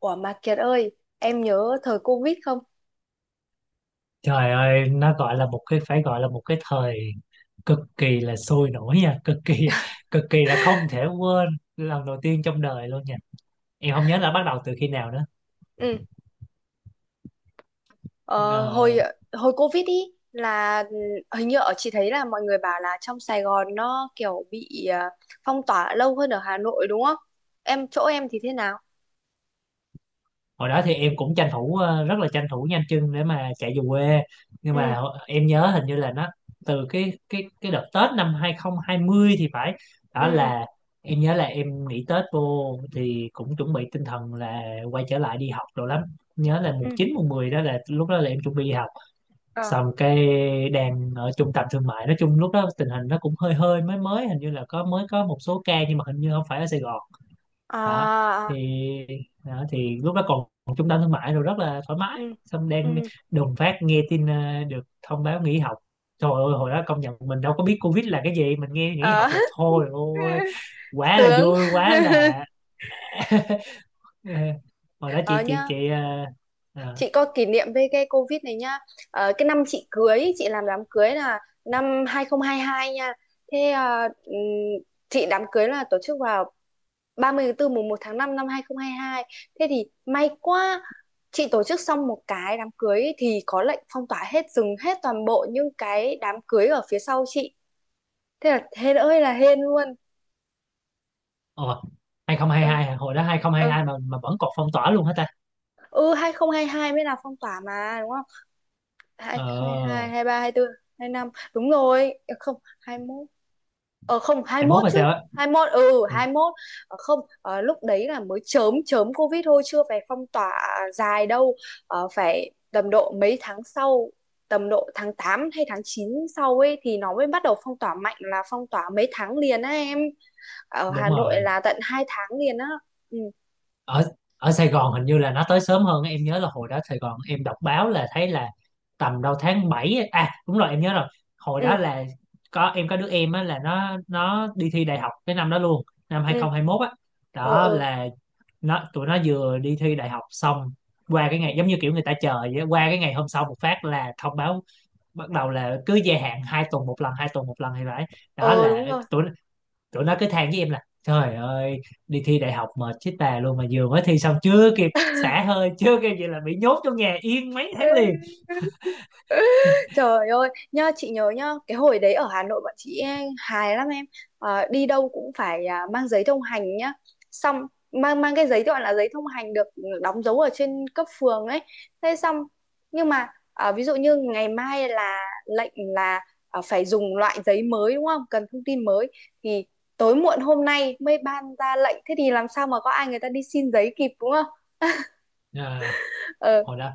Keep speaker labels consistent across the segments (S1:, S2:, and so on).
S1: Ủa mà Kiệt ơi, em nhớ thời Covid không?
S2: Trời ơi, nó gọi là một cái phải gọi là một cái thời cực kỳ là sôi nổi nha, cực kỳ là không thể quên lần đầu tiên trong đời luôn nha. Em không nhớ là bắt đầu từ khi nào nữa.
S1: Ừ, ờ,
S2: Ờ.
S1: hồi hồi Covid ý là hình như ở chị thấy là mọi người bảo là trong Sài Gòn nó kiểu bị phong tỏa lâu hơn ở Hà Nội đúng không? Em chỗ em thì thế nào?
S2: Hồi đó thì em cũng tranh thủ, rất là tranh thủ nhanh chân để mà chạy về quê nhưng
S1: Ừ,
S2: mà em nhớ hình như là nó từ cái đợt Tết năm 2020 thì phải.
S1: ừ,
S2: Đó
S1: ừ,
S2: là em nhớ là em nghỉ Tết vô thì cũng chuẩn bị tinh thần là quay trở lại đi học đồ lắm, nhớ là
S1: ừ.
S2: mùng 9 mùng 10 đó, là lúc đó là em chuẩn bị đi học.
S1: Ờ.
S2: Xong cái, đang ở trung tâm thương mại, nói chung lúc đó tình hình nó cũng hơi hơi mới mới, hình như là có, mới có một số ca nhưng mà hình như không phải ở Sài Gòn
S1: À,
S2: đó. Thì
S1: à,
S2: đó, thì lúc đó còn còn trung tâm thương mại rồi, rất là thoải mái,
S1: ừ,
S2: xong
S1: ừ.
S2: đang đùng phát nghe tin, được thông báo nghỉ học. Trời ơi hồi đó công nhận mình đâu có biết Covid là cái gì, mình nghe nghỉ học
S1: Ờ.
S2: là thôi ôi quá là
S1: Sướng.
S2: vui quá là... ờ, hồi đó
S1: Ờ
S2: chị chị
S1: nhá.
S2: chị ờ,
S1: Chị có kỷ niệm với cái Covid này nhá. Ờ, cái năm chị cưới chị làm đám cưới là năm 2022 nha. Thế, chị đám cưới là tổ chức vào 30 tháng 4 mùng 1 tháng 5 năm 2022. Thế thì may quá, chị tổ chức xong một cái đám cưới ấy thì có lệnh phong tỏa hết, dừng hết toàn bộ những cái đám cưới ở phía sau chị. Thế là hên ơi là hên luôn.
S2: ờ,
S1: ừ
S2: 2022 hả? Hồi đó
S1: ừ
S2: 2022 mà vẫn còn phong tỏa luôn hả ta?
S1: ừ 2022 mới là phong tỏa mà đúng không? Hai hai,
S2: ờ
S1: hai hai ba, hai tư, hai năm, đúng rồi. Ờ, không hai mốt, ờ không hai
S2: 21
S1: mốt
S2: hay
S1: chứ.
S2: sao á? Ừ,
S1: Hai mốt. Ờ, không Ờ, lúc đấy là mới chớm chớm covid thôi, chưa phải phong tỏa dài đâu. Ờ, phải tầm độ mấy tháng sau, tầm độ tháng 8 hay tháng 9 sau ấy thì nó mới bắt đầu phong tỏa mạnh, là phong tỏa mấy tháng liền á em. Ở
S2: đúng
S1: Hà Nội
S2: rồi.
S1: là tận hai tháng liền á. ừ
S2: Ở ở Sài Gòn hình như là nó tới sớm hơn á. Em nhớ là hồi đó Sài Gòn em đọc báo là thấy là tầm đâu tháng 7 ấy. À đúng rồi em nhớ rồi, hồi
S1: ừ
S2: đó là có, em có đứa em á là nó đi thi đại học cái năm đó luôn, năm hai
S1: ừ
S2: không hai mốt á.
S1: ừ
S2: Đó
S1: ừ
S2: là tụi nó vừa đi thi đại học xong, qua cái ngày
S1: ừ.
S2: giống như kiểu người ta chờ vậy á, qua cái ngày hôm sau một phát là thông báo, bắt đầu là cứ gia hạn 2 tuần một lần 2 tuần một lần thì vậy. Đó
S1: Ờ
S2: là
S1: đúng rồi.
S2: tụi tụi nó cứ than với em là trời ơi, đi thi đại học mệt chết bà luôn mà vừa mới thi xong chưa kịp xả hơi chưa kịp gì là bị nhốt trong nhà yên mấy tháng liền.
S1: Ê, trời ơi, nhá chị nhớ nhá, cái hồi đấy ở Hà Nội bọn chị hài lắm em. Ờ, đi đâu cũng phải mang giấy thông hành nhá. Xong mang mang cái giấy gọi là giấy thông hành được đóng dấu ở trên cấp phường ấy. Thế xong, nhưng mà ví dụ như ngày mai là lệnh là phải dùng loại giấy mới đúng không? Cần thông tin mới thì tối muộn hôm nay mới ban ra lệnh, thế thì làm sao mà có ai người ta đi xin giấy kịp đúng không?
S2: À,
S1: Ờ
S2: hồi đó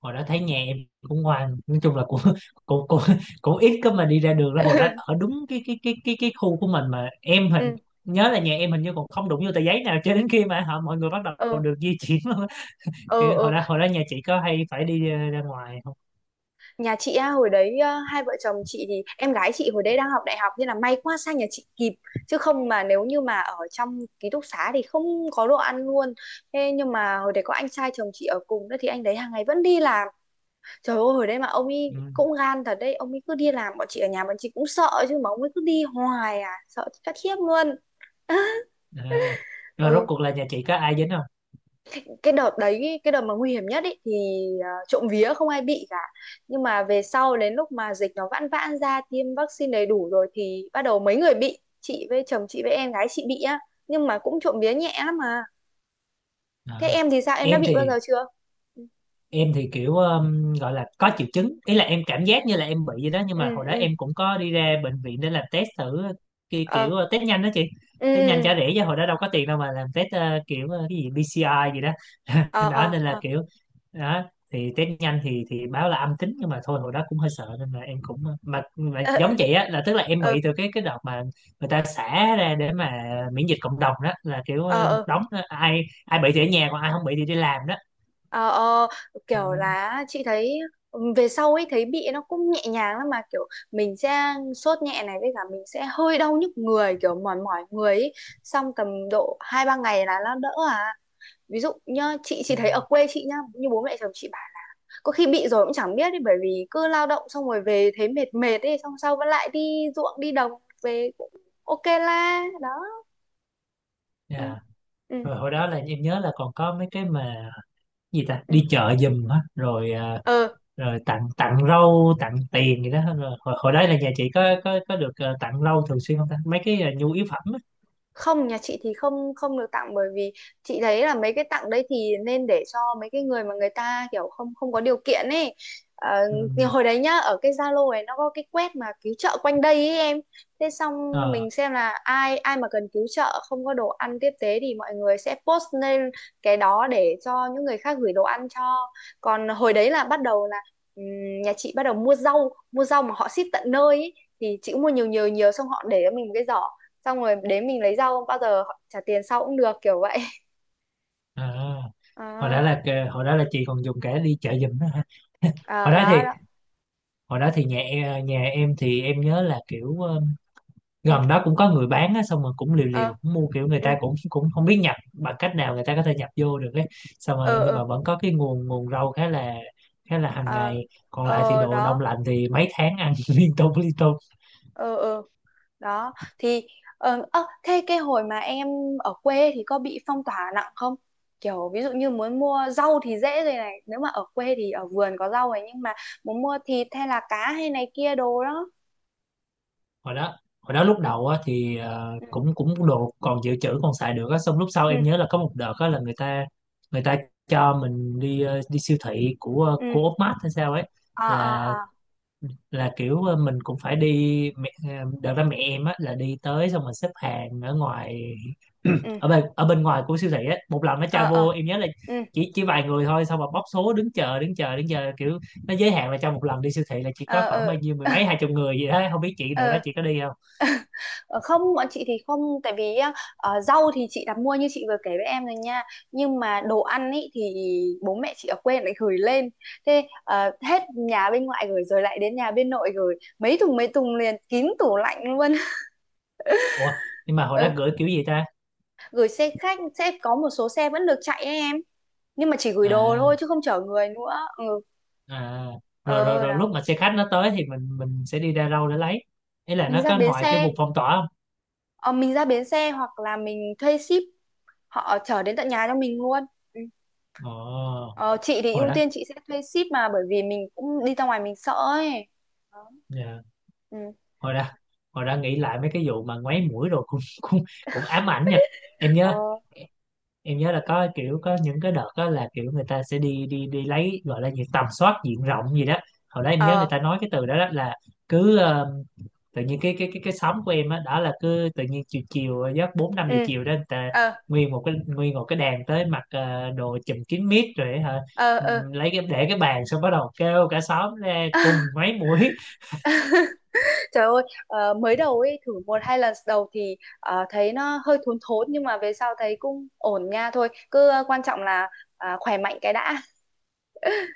S2: hồi đó thấy nhà em cũng ngoan, nói chung là cũng cũng cũng, cũng ít có mà đi ra đường đó, hồi đó ở đúng cái khu của mình mà em
S1: ừ
S2: nhớ là nhà em hình như còn không đụng vô tờ giấy nào cho đến khi mà mọi người bắt đầu
S1: ừ
S2: được di chuyển luôn á. Kiểu hồi
S1: ừ
S2: đó nhà chị có hay phải đi, ra ngoài không?
S1: Nhà chị á, hồi đấy hai vợ chồng chị, thì em gái chị hồi đấy đang học đại học nên là may quá sang nhà chị kịp, chứ không mà nếu như mà ở trong ký túc xá thì không có đồ ăn luôn. Thế nhưng mà hồi đấy có anh trai chồng chị ở cùng nữa thì anh đấy hàng ngày vẫn đi làm. Trời ơi hồi đấy mà ông
S2: Ừ.
S1: ấy cũng gan thật đấy, ông ấy cứ đi làm, bọn chị ở nhà bọn chị cũng sợ chứ, mà ông ấy cứ đi hoài à, sợ chết khiếp luôn.
S2: À. Rồi rốt
S1: ừ,
S2: cuộc là nhà chị có ai dính không?
S1: cái đợt đấy, cái đợt mà nguy hiểm nhất ý, thì trộm vía không ai bị cả, nhưng mà về sau đến lúc mà dịch nó vãn vãn ra, tiêm vaccine đầy đủ rồi thì bắt đầu mấy người bị, chị với chồng chị với em gái chị bị á, nhưng mà cũng trộm vía nhẹ lắm mà.
S2: À.
S1: Thế em thì sao, em đã
S2: em
S1: bị bao
S2: thì
S1: giờ chưa? Ừ
S2: em thì kiểu, gọi là có triệu chứng, ý là em cảm giác như là em bị vậy đó nhưng mà
S1: ừ
S2: hồi đó
S1: ừ.
S2: em cũng có đi ra bệnh viện để làm test thử, kiểu,
S1: ờ
S2: kiểu ờ, test nhanh đó chị.
S1: ừ
S2: Test
S1: ừ
S2: nhanh
S1: ừ.
S2: trả rẻ chứ hồi đó đâu có tiền đâu mà làm test, cái gì BCI gì đó.
S1: ờ
S2: Đó
S1: ờ
S2: nên là
S1: ờ
S2: kiểu đó. Thì test nhanh thì báo là âm tính nhưng mà thôi hồi đó cũng hơi sợ nên là em cũng, mà
S1: ờ
S2: giống chị á, là tức là em
S1: ờ
S2: bị từ cái đợt mà người ta xả ra để mà miễn dịch cộng đồng đó, là kiểu, một
S1: ờ
S2: đống đó. Ai ai bị thì ở nhà, còn ai không bị thì đi làm đó.
S1: Ờ, ờ,
S2: Ừ.
S1: kiểu là chị thấy ừ, về sau ấy thấy bị nó cũng nhẹ nhàng lắm mà, kiểu mình sẽ sốt nhẹ này, với cả mình sẽ hơi đau nhức người, kiểu mỏi mỏi người ấy. Xong tầm độ hai ba ngày là nó đỡ à. Ví dụ nhá,
S2: Ừ.
S1: chị thấy ở quê chị nhá, như bố mẹ chồng chị bảo có khi bị rồi cũng chẳng biết ấy, bởi vì cứ lao động xong rồi về thấy mệt mệt ấy, xong sau vẫn lại đi ruộng đi đồng về, cũng ok la đó. ừ
S2: Dạ.
S1: ừ
S2: Rồi hồi đó là em nhớ là còn có mấy cái mà gì ta đi chợ giùm á rồi, à,
S1: ừ
S2: rồi tặng tặng rau tặng tiền gì đó rồi hồi đó là nhà chị có được, tặng rau thường xuyên không ta, mấy cái, nhu yếu phẩm á?
S1: Không, nhà chị thì không, không được tặng, bởi vì chị thấy là mấy cái tặng đấy thì nên để cho mấy cái người mà người ta kiểu không, không có điều kiện ấy. Ờ,
S2: Ừ.
S1: thì hồi đấy nhá ở cái Zalo ấy nó có cái quét mà cứu trợ quanh đây ấy em. Thế xong
S2: Ờ.
S1: mình xem là ai ai mà cần cứu trợ không có đồ ăn tiếp tế thì mọi người sẽ post lên cái đó để cho những người khác gửi đồ ăn cho. Còn hồi đấy là bắt đầu là nhà chị bắt đầu mua rau mà họ ship tận nơi ấy. Thì chị cũng mua nhiều nhiều nhiều, xong họ để cho mình một cái giỏ, xong rồi đến mình lấy rau, bao giờ họ trả tiền sau cũng được, kiểu vậy.
S2: À,
S1: à,
S2: hồi đó là chị còn dùng cả đi chợ giùm đó hả? hồi
S1: À
S2: đó thì
S1: đó đó.
S2: hồi đó thì nhà em thì em nhớ là kiểu,
S1: Ừ
S2: gần đó cũng có người bán á xong rồi cũng liều
S1: ờ
S2: liều cũng mua, kiểu người
S1: ừ
S2: ta cũng cũng không biết nhập bằng cách nào người ta có thể nhập vô được ấy. Xong rồi
S1: ờ
S2: nhưng
S1: ờ
S2: mà vẫn có cái nguồn nguồn rau khá là hàng
S1: ờ
S2: ngày, còn lại thì
S1: ờ
S2: đồ đông
S1: đó
S2: lạnh thì mấy tháng ăn liên tục liên tục.
S1: ờ ờ Đó thì thế cái hồi mà em ở quê ấy thì có bị phong tỏa nặng không? Kiểu ví dụ như muốn mua rau thì dễ rồi này, nếu mà ở quê thì ở vườn có rau này, nhưng mà muốn mua thịt hay là cá hay này kia đồ đó.
S2: Hồi đó hồi đó lúc
S1: Ừ
S2: đầu á thì, ờ,
S1: ừ
S2: cũng cũng đồ còn dự trữ còn xài được á, xong lúc sau
S1: ừ
S2: em nhớ là có một đợt á là người ta cho mình đi, đi siêu thị của,
S1: ừ
S2: Úc Mát hay sao ấy.
S1: à à
S2: là
S1: à
S2: là kiểu, mình cũng phải đi đợt đó mẹ em á là đi tới xong rồi xếp hàng ở ngoài,
S1: ừ
S2: ở bên ngoài của siêu thị á, một lần nó
S1: ờ
S2: cho
S1: ờ
S2: vô, em nhớ là
S1: ừ
S2: chỉ vài người thôi, xong rồi bóc số đứng chờ đứng chờ đứng chờ, kiểu nó giới hạn là trong một lần đi siêu thị là chỉ
S1: ờ
S2: có khoảng bao
S1: ờ
S2: nhiêu mười mấy hai chục người gì đó, không biết chị đợt đó
S1: ờ
S2: chị có đi không.
S1: Ờ, không bọn chị thì không, tại vì á, ờ, rau thì chị đặt mua như chị vừa kể với em rồi nha, nhưng mà đồ ăn ý thì bố mẹ chị ở quê lại gửi lên. Hết nhà bên ngoại gửi rồi lại đến nhà bên nội gửi, mấy thùng liền kín tủ lạnh luôn.
S2: Ủa, nhưng mà hồi đó
S1: Ừ,
S2: gửi kiểu gì ta?
S1: gửi xe khách, sẽ có một số xe vẫn được chạy ấy em, nhưng mà chỉ gửi đồ
S2: À
S1: thôi chứ không chở người nữa. Ừ
S2: à. Rồi rồi
S1: ờ
S2: rồi,
S1: đó
S2: lúc mà xe khách nó tới thì mình sẽ đi ra đâu để lấy? Ý là
S1: Mình
S2: nó
S1: ra
S2: có
S1: bến
S2: ngoài cái
S1: xe,
S2: vùng phong tỏa không?
S1: ờ, mình ra bến xe hoặc là mình thuê ship, họ chở đến tận nhà cho mình luôn. Ừ.
S2: Ồ,
S1: Ờ, chị thì
S2: hồi
S1: ưu
S2: đó.
S1: tiên chị sẽ thuê ship, mà bởi vì mình cũng đi ra ngoài mình sợ ấy. Đó.
S2: Dạ.
S1: Ừ.
S2: Hồi ra hồi ra nghĩ lại mấy cái vụ mà ngoáy mũi rồi cũng cũng cũng ám ảnh nha. em
S1: Ờ,
S2: nhớ em nhớ là có kiểu có những cái đợt đó là kiểu người ta sẽ đi đi đi lấy, gọi là gì, tầm soát diện rộng gì đó. Hồi đó em nhớ người
S1: Ờ,
S2: ta nói cái từ đó, đó là cứ, tự nhiên cái xóm của em á đó, là cứ tự nhiên chiều chiều, giấc bốn năm giờ
S1: ừ.
S2: chiều đó người ta
S1: Ờ,
S2: nguyên một cái đàn tới, mặc, đồ chùm kín mít rồi hả.
S1: ờ, ờ.
S2: Lấy cái để cái bàn xong bắt đầu kêu cả xóm ra cùng ngoáy mũi.
S1: Trời ơi, mới đầu ấy thử một hai lần đầu thì thấy nó hơi thốn thốn, nhưng mà về sau thấy cũng ổn nha thôi. Cứ ờ, quan trọng là khỏe mạnh cái đã.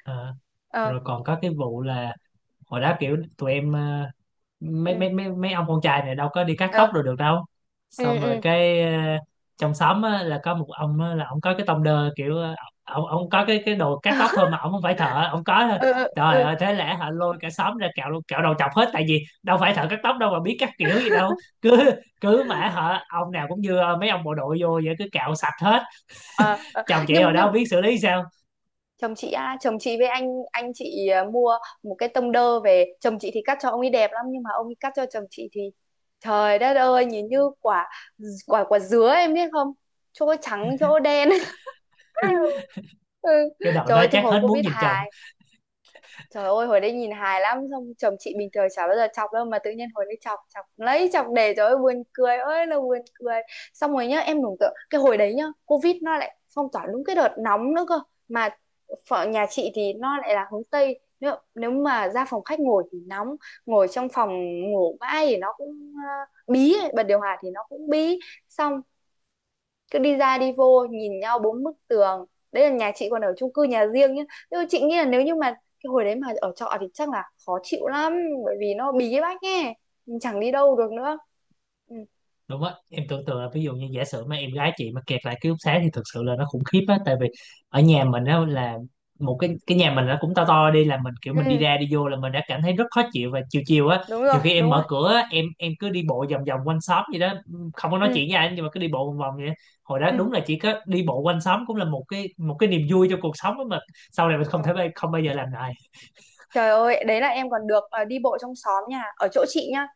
S2: Ờ.
S1: Ờ,
S2: Rồi còn có cái vụ là hồi đó kiểu tụi em,
S1: ừ,
S2: mấy mấy mấy mấy ông con trai này đâu có đi cắt tóc
S1: ờ,
S2: rồi được đâu.
S1: ừ,
S2: Xong rồi
S1: ừ.
S2: cái, trong xóm á, là có một ông á, là ông có cái tông đơ, kiểu, ông có cái đồ cắt tóc thôi mà ông không phải thợ, ông có thôi.
S1: Ờ, ờ,
S2: Trời
S1: ờ.
S2: ơi thế lẽ hả, lôi cả xóm ra cạo đầu chọc hết, tại vì đâu phải thợ cắt tóc đâu mà biết cắt kiểu gì đâu, cứ cứ mà hả ông nào cũng như mấy ông bộ đội vô vậy, cứ cạo sạch hết.
S1: Ờ, ờ.
S2: Chồng chị
S1: Nhưng
S2: hồi đó không biết xử lý sao,
S1: chồng chị á, chồng chị với anh chị mua một cái tông đơ về, chồng chị thì cắt cho ông ấy đẹp lắm, nhưng mà ông ấy cắt cho chồng chị thì trời đất ơi, nhìn như quả quả quả dứa em biết không, chỗ trắng chỗ đen. Ừ.
S2: cái đợt
S1: Trời
S2: đó
S1: ơi, cái
S2: chắc
S1: hồi
S2: hết muốn
S1: covid
S2: nhìn chồng.
S1: hài. Trời ơi hồi đấy nhìn hài lắm. Xong chồng chị bình thường chả bao giờ chọc đâu, mà tự nhiên hồi đấy chọc, chọc lấy chọc để. Trời ơi buồn cười ơi là buồn cười. Xong rồi nhá, em tưởng tượng, cái hồi đấy nhá Covid nó lại phong tỏa đúng cái đợt nóng nữa cơ. Mà phở nhà chị thì nó lại là hướng Tây. Nếu mà ra phòng khách ngồi thì nóng, ngồi trong phòng ngủ mãi thì nó cũng bí ấy. Bật điều hòa thì nó cũng bí. Xong cứ đi ra đi vô nhìn nhau bốn bức tường. Đấy là nhà chị còn ở chung cư nhà riêng nhá, nhưng mà chị nghĩ là nếu như mà cái hồi đấy mà ở trọ thì chắc là khó chịu lắm, bởi vì nó bí cái bách nghe, mình chẳng đi đâu được nữa. ừ.
S2: Đúng á, em tưởng tượng là ví dụ như giả sử mà em gái chị mà kẹt lại ký túc xá thì thực sự là nó khủng khiếp á, tại vì ở nhà mình á là một cái nhà mình nó cũng to to đi là mình, kiểu
S1: ừ
S2: mình đi ra đi vô là mình đã cảm thấy rất khó chịu, và chiều chiều á,
S1: Đúng rồi
S2: nhiều khi em
S1: đúng rồi.
S2: mở cửa á, em cứ đi bộ vòng vòng quanh xóm vậy đó, không có nói
S1: ừ
S2: chuyện với ai nhưng mà cứ đi bộ vòng vòng vậy đó. Hồi đó
S1: ừ
S2: đúng là chỉ có đi bộ quanh xóm cũng là một cái niềm vui cho cuộc sống á, mà sau này mình không
S1: Ờ.
S2: thể, không bao giờ làm lại.
S1: Trời ơi đấy là em còn được đi bộ trong xóm, nhà ở chỗ chị nhá,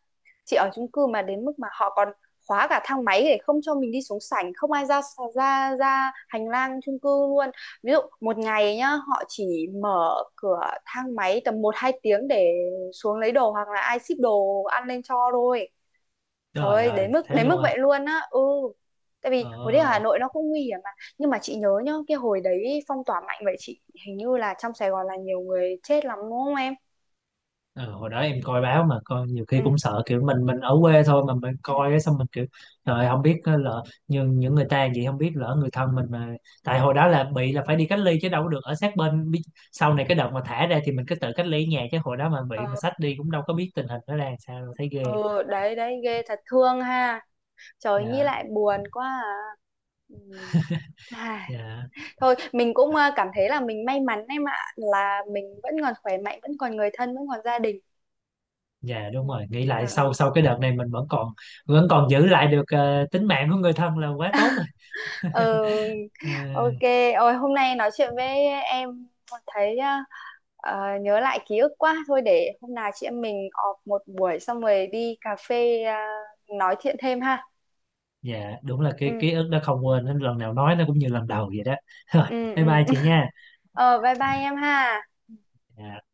S1: chị ở chung cư mà đến mức mà họ còn khóa cả thang máy để không cho mình đi xuống sảnh, không ai ra ra ra hành lang chung cư luôn. Ví dụ một ngày nhá họ chỉ mở cửa thang máy tầm một hai tiếng để xuống lấy đồ hoặc là ai ship đồ ăn lên cho thôi. Trời
S2: Trời
S1: ơi,
S2: ơi thế
S1: đến mức
S2: luôn à?
S1: vậy luôn á. Ừ, tại vì
S2: Ờ.
S1: hồi đấy ở Hà Nội nó cũng nguy hiểm mà. Nhưng mà chị nhớ nhá, cái hồi đấy phong tỏa mạnh vậy, chị hình như là trong Sài Gòn là nhiều người chết lắm đúng không em?
S2: Ờ, hồi đó em coi báo mà coi nhiều khi
S1: ừ
S2: cũng sợ kiểu mình ở quê thôi mà mình
S1: ừ
S2: coi á, xong mình kiểu trời ơi, không biết á, lỡ những người ta vậy, không biết lỡ người thân mình mà tại hồi đó là bị là phải đi cách ly chứ đâu có được ở sát bên. Sau này cái đợt mà thả ra thì mình cứ tự cách ly ở nhà chứ hồi đó mà bị mà
S1: ờ
S2: sách đi cũng đâu có biết tình hình nó ra làm sao đâu, thấy ghê.
S1: ừ, đấy đấy, ghê thật, thương ha. Trời nghĩ
S2: Dạ.
S1: lại buồn quá à. Ừ. Ai,
S2: Dạ,
S1: thôi mình cũng cảm thấy là mình may mắn em ạ, là mình vẫn còn khỏe mạnh, vẫn còn người thân, vẫn còn gia đình.
S2: dạ
S1: ừ.
S2: đúng rồi, nghĩ lại
S1: Ờ,
S2: sau sau cái đợt này mình vẫn còn giữ lại được, tính mạng của người thân là quá tốt rồi.
S1: ờ,
S2: Ờ.
S1: ok. Ôi hôm nay nói chuyện với em thấy nhớ lại ký ức quá, thôi để hôm nào chị em mình họp một buổi xong rồi đi cà phê nói chuyện thêm ha.
S2: Dạ đúng là cái
S1: ừ
S2: ký ức đó không quên, đến lần nào nói nó cũng như lần đầu vậy đó. Rồi,
S1: ừ ừ
S2: bye bye chị nha.
S1: Ờ, bye bye em ha.
S2: Dạ.